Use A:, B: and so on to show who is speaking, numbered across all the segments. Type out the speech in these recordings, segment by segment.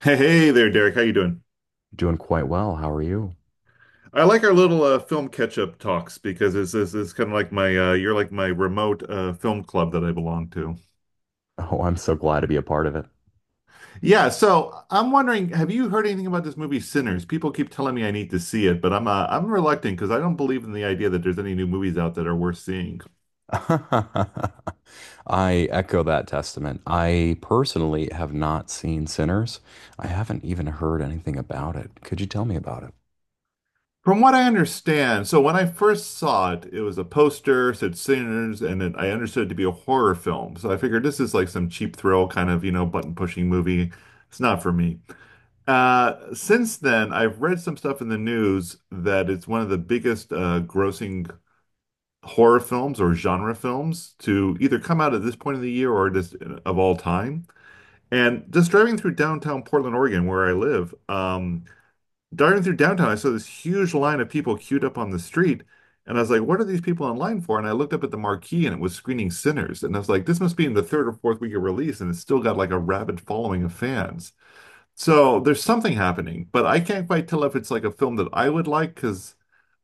A: Hey, hey there, Derek. How you doing?
B: Doing quite well. How are you?
A: I like our little film catch-up talks because it's kind of like my you're like my remote film club that I belong to.
B: Oh, I'm so glad to be a part of it.
A: Yeah, so I'm wondering, have you heard anything about this movie Sinners? People keep telling me I need to see it, but I'm reluctant because I don't believe in the idea that there's any new movies out that are worth seeing.
B: I echo that testament. I personally have not seen Sinners. I haven't even heard anything about it. Could you tell me about it?
A: From what I understand, so when I first saw it, it was a poster, said Sinners, and then I understood it to be a horror film. So I figured this is like some cheap thrill kind of, you know, button pushing movie. It's not for me. Since then, I've read some stuff in the news that it's one of the biggest grossing horror films or genre films to either come out at this point of the year or just of all time. And just driving through downtown Portland, Oregon, where I live, driving through downtown, I saw this huge line of people queued up on the street. And I was like, what are these people in line for? And I looked up at the marquee and it was screening Sinners. And I was like, this must be in the third or fourth week of release. And it's still got like a rabid following of fans. So there's something happening, but I can't quite tell if it's like a film that I would like because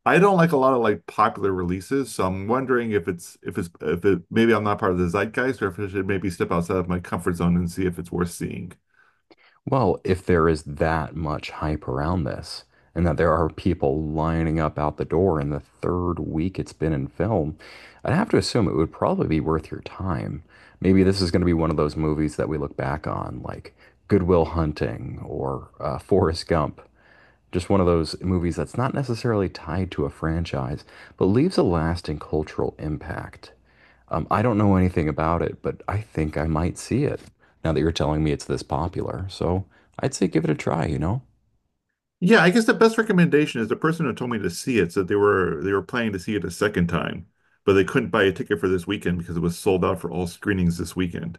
A: I don't like a lot of like popular releases. So I'm wondering if it's if it maybe I'm not part of the zeitgeist or if I should maybe step outside of my comfort zone and see if it's worth seeing.
B: Well, if there is that much hype around this, and that there are people lining up out the door in the third week it's been in film, I'd have to assume it would probably be worth your time. Maybe this is going to be one of those movies that we look back on, like Goodwill Hunting or Forrest Gump. Just one of those movies that's not necessarily tied to a franchise, but leaves a lasting cultural impact. I don't know anything about it, but I think I might see it now that you're telling me it's this popular. So I'd say give it a try, you know?
A: Yeah, I guess the best recommendation is the person who told me to see it said they were planning to see it a second time, but they couldn't buy a ticket for this weekend because it was sold out for all screenings this weekend.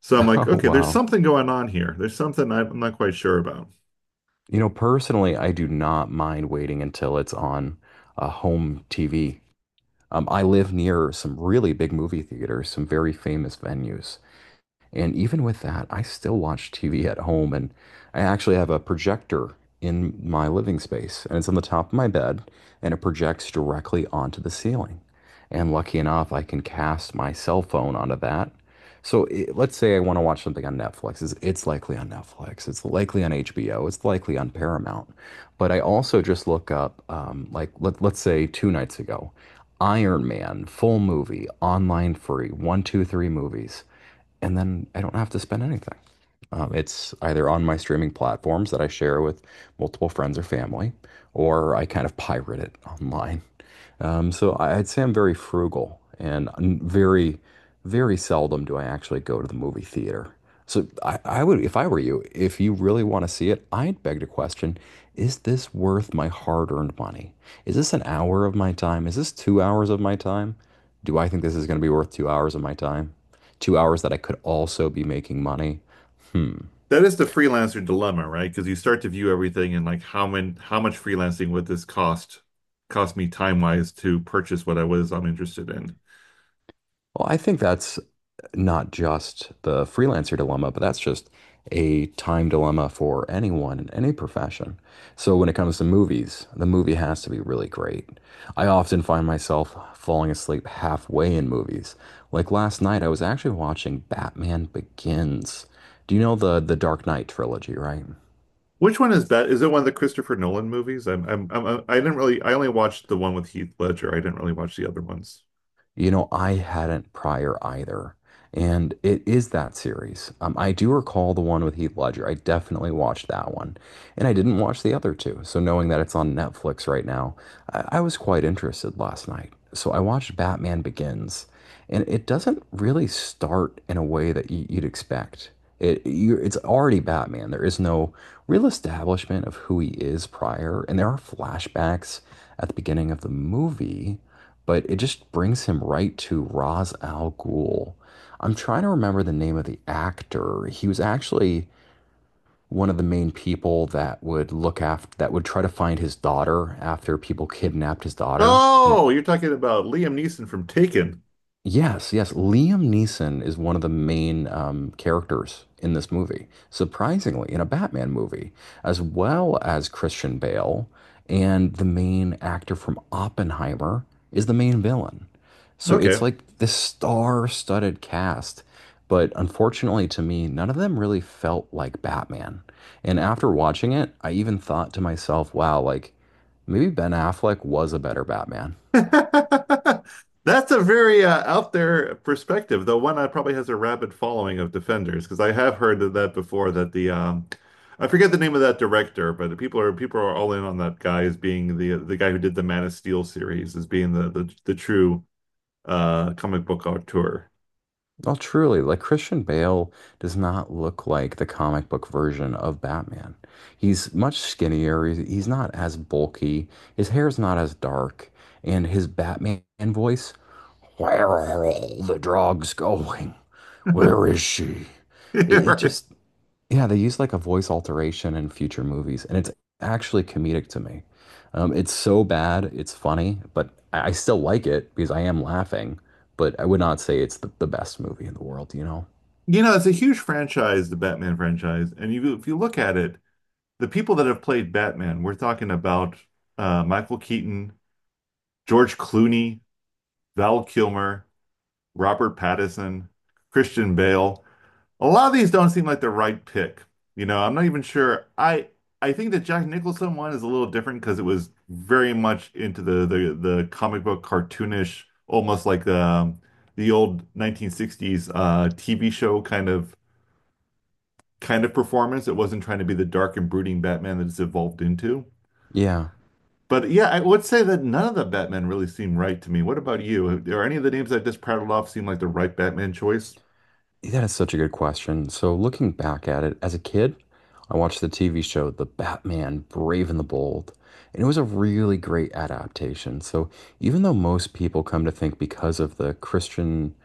A: So I'm like,
B: Oh,
A: okay, there's
B: wow.
A: something going on here. There's something I'm not quite sure about.
B: You know, personally, I do not mind waiting until it's on a home TV. I live near some really big movie theaters, some very famous venues. And even with that, I still watch TV at home. And I actually have a projector in my living space, and it's on the top of my bed, and it projects directly onto the ceiling. And lucky enough, I can cast my cell phone onto that. So it, let's say I want to watch something on Netflix. It's likely on Netflix. It's likely on HBO. It's likely on Paramount. But I also just look up, like, let's say two nights ago, Iron Man, full movie, online free, one, two, three movies and then I don't have to spend anything. It's either on my streaming platforms that I share with multiple friends or family, or I kind of pirate it online. I'd say I'm very frugal and very, very seldom do I actually go to the movie theater. So I would, if I were you, if you really want to see it, I'd beg the question, is this worth my hard-earned money? Is this an hour of my time? Is this 2 hours of my time? Do I think this is going to be worth 2 hours of my time? 2 hours that I could also be making money?
A: That is the freelancer dilemma, right? Because you start to view everything and like how many, how much freelancing would this cost me time wise to purchase what I'm interested in.
B: Well, I think that's not just the freelancer dilemma, but that's just a time dilemma for anyone in any profession. So when it comes to movies, the movie has to be really great. I often find myself falling asleep halfway in movies. Like last night, I was actually watching Batman Begins. Do you know the Dark Knight trilogy, right?
A: Which one is that? Is it one of the Christopher Nolan movies? I didn't really I only watched the one with Heath Ledger. I didn't really watch the other ones.
B: You know, I hadn't prior either. And it is that series. I do recall the one with Heath Ledger. I definitely watched that one. And I didn't watch the other two. So knowing that it's on Netflix right now, I was quite interested last night. So I watched Batman Begins. And it doesn't really start in a way that you'd expect. You it's already Batman. There is no real establishment of who he is prior. And there are flashbacks at the beginning of the movie but it just brings him right to Ra's al Ghul. I'm trying to remember the name of the actor. He was actually one of the main people that would look after that would try to find his daughter after people kidnapped his daughter, and it,
A: Oh, you're talking about Liam Neeson from Taken.
B: yes, yes. Liam Neeson is one of the main characters in this movie, surprisingly, in a Batman movie, as well as Christian Bale. And the main actor from Oppenheimer is the main villain. So it's
A: Okay.
B: like this star-studded cast. But unfortunately to me, none of them really felt like Batman. And after watching it, I even thought to myself, wow, like maybe Ben Affleck was a better Batman.
A: That's a very out there perspective, though one that probably has a rabid following of defenders, because I have heard of that before that the I forget the name of that director, but people are all in on that guy as being the guy who did the Man of Steel series as being the true comic book auteur.
B: Oh, truly, like Christian Bale does not look like the comic book version of Batman. He's much skinnier. He's not as bulky. His hair's not as dark. And his Batman voice, where are all the drugs going? Where is she? It, it
A: Right.
B: just, yeah, they use like a voice alteration in future movies, and it's actually comedic to me. It's so bad, it's funny, but I still like it because I am laughing, but I would not say it's the best movie in the world, you know?
A: You know, it's a huge franchise, the Batman franchise, and you if you look at it, the people that have played Batman, we're talking about Michael Keaton, George Clooney, Val Kilmer, Robert Pattinson, Christian Bale. A lot of these don't seem like the right pick. You know, I'm not even sure. I think the Jack Nicholson one is a little different because it was very much into the comic book cartoonish, almost like the old 1960s TV show kind of performance. It wasn't trying to be the dark and brooding Batman that it's evolved into.
B: Yeah.
A: But yeah, I would say that none of the Batman really seem right to me. What about you? Are any of the names I just prattled off seem like the right Batman choice?
B: That is such a good question. So, looking back at it, as a kid, I watched the TV show The Batman Brave and the Bold, and it was a really great adaptation. So, even though most people come to think because of the Christian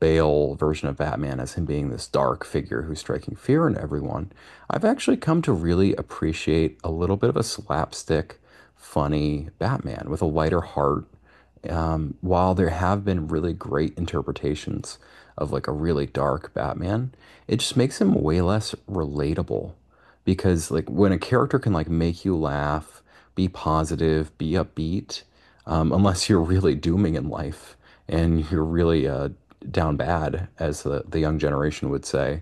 B: Bale version of Batman as him being this dark figure who's striking fear in everyone, I've actually come to really appreciate a little bit of a slapstick, funny Batman with a lighter heart. While there have been really great interpretations of like a really dark Batman, it just makes him way less relatable because like when a character can like make you laugh, be positive, be upbeat, unless you're really dooming in life and you're really down bad, as the young generation would say,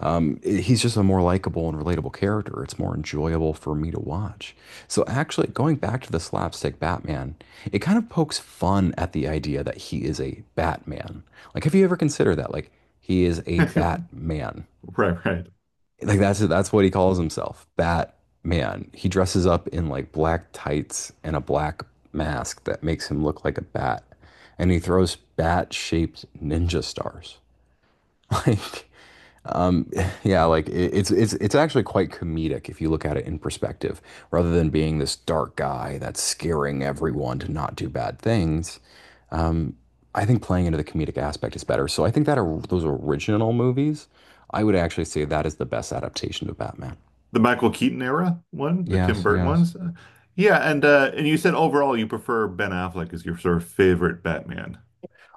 B: he's just a more likable and relatable character. It's more enjoyable for me to watch. So, actually, going back to the slapstick Batman, it kind of pokes fun at the idea that he is a Batman. Like, have you ever considered that? Like, he is a Batman.
A: Right, right.
B: Like, that's what he calls himself, Batman. He dresses up in like black tights and a black mask that makes him look like a bat, and he throws bat-shaped ninja stars. Like. Um, yeah, like it's actually quite comedic if you look at it in perspective, rather than being this dark guy that's scaring everyone to not do bad things. Um, I think playing into the comedic aspect is better. So I think that or those original movies, I would actually say that is the best adaptation of Batman.
A: The Michael Keaton era one, the Tim
B: Yes,
A: Burton
B: yes.
A: ones. Yeah, and you said overall you prefer Ben Affleck as your sort of favorite Batman.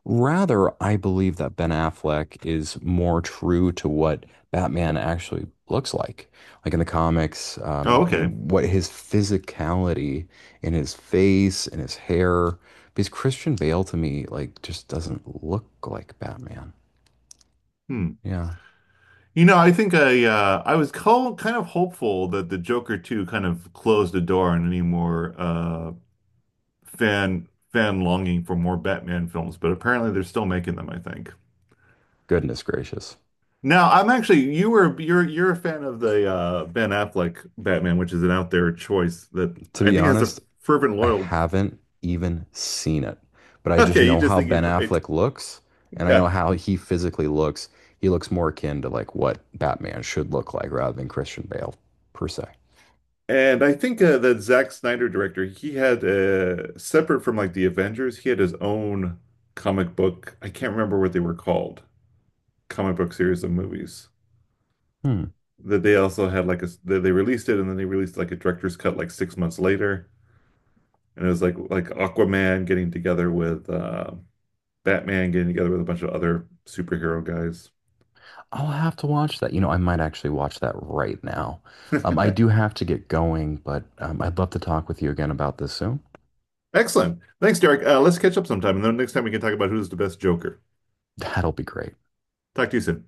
B: Rather, I believe that Ben Affleck is more true to what Batman actually looks like in the comics,
A: Oh, okay.
B: and what his physicality in his face and his hair. Because Christian Bale to me, like, just doesn't look like Batman.
A: Hmm.
B: Yeah.
A: You know, I think I was co kind of hopeful that the Joker 2 kind of closed the door on any more fan longing for more Batman films, but apparently they're still making them, I think.
B: Goodness gracious.
A: Now, I'm actually you were you're a fan of the Ben Affleck Batman, which is an out there choice that
B: To
A: I
B: be
A: think has a
B: honest,
A: fervent
B: I
A: loyal.
B: haven't even seen it, but I just
A: Okay, you
B: know
A: just
B: how
A: think
B: Ben
A: he's right.
B: Affleck looks, and I know
A: Yeah.
B: how he physically looks. He looks more akin to like what Batman should look like rather than Christian Bale per se.
A: And I think the Zack Snyder director, he had separate from like the Avengers, he had his own comic book. I can't remember what they were called. Comic book series of movies.
B: Hmm.
A: That they also had like a that they released it and then they released like a director's cut like 6 months later. And it was like Aquaman getting together with Batman getting together with a bunch of other superhero guys.
B: I'll have to watch that. You know, I might actually watch that right now. I do have to get going, but I'd love to talk with you again about this soon.
A: Excellent. Thanks, Derek. Let's catch up sometime, and then next time we can talk about who's the best Joker.
B: That'll be great.
A: Talk to you soon.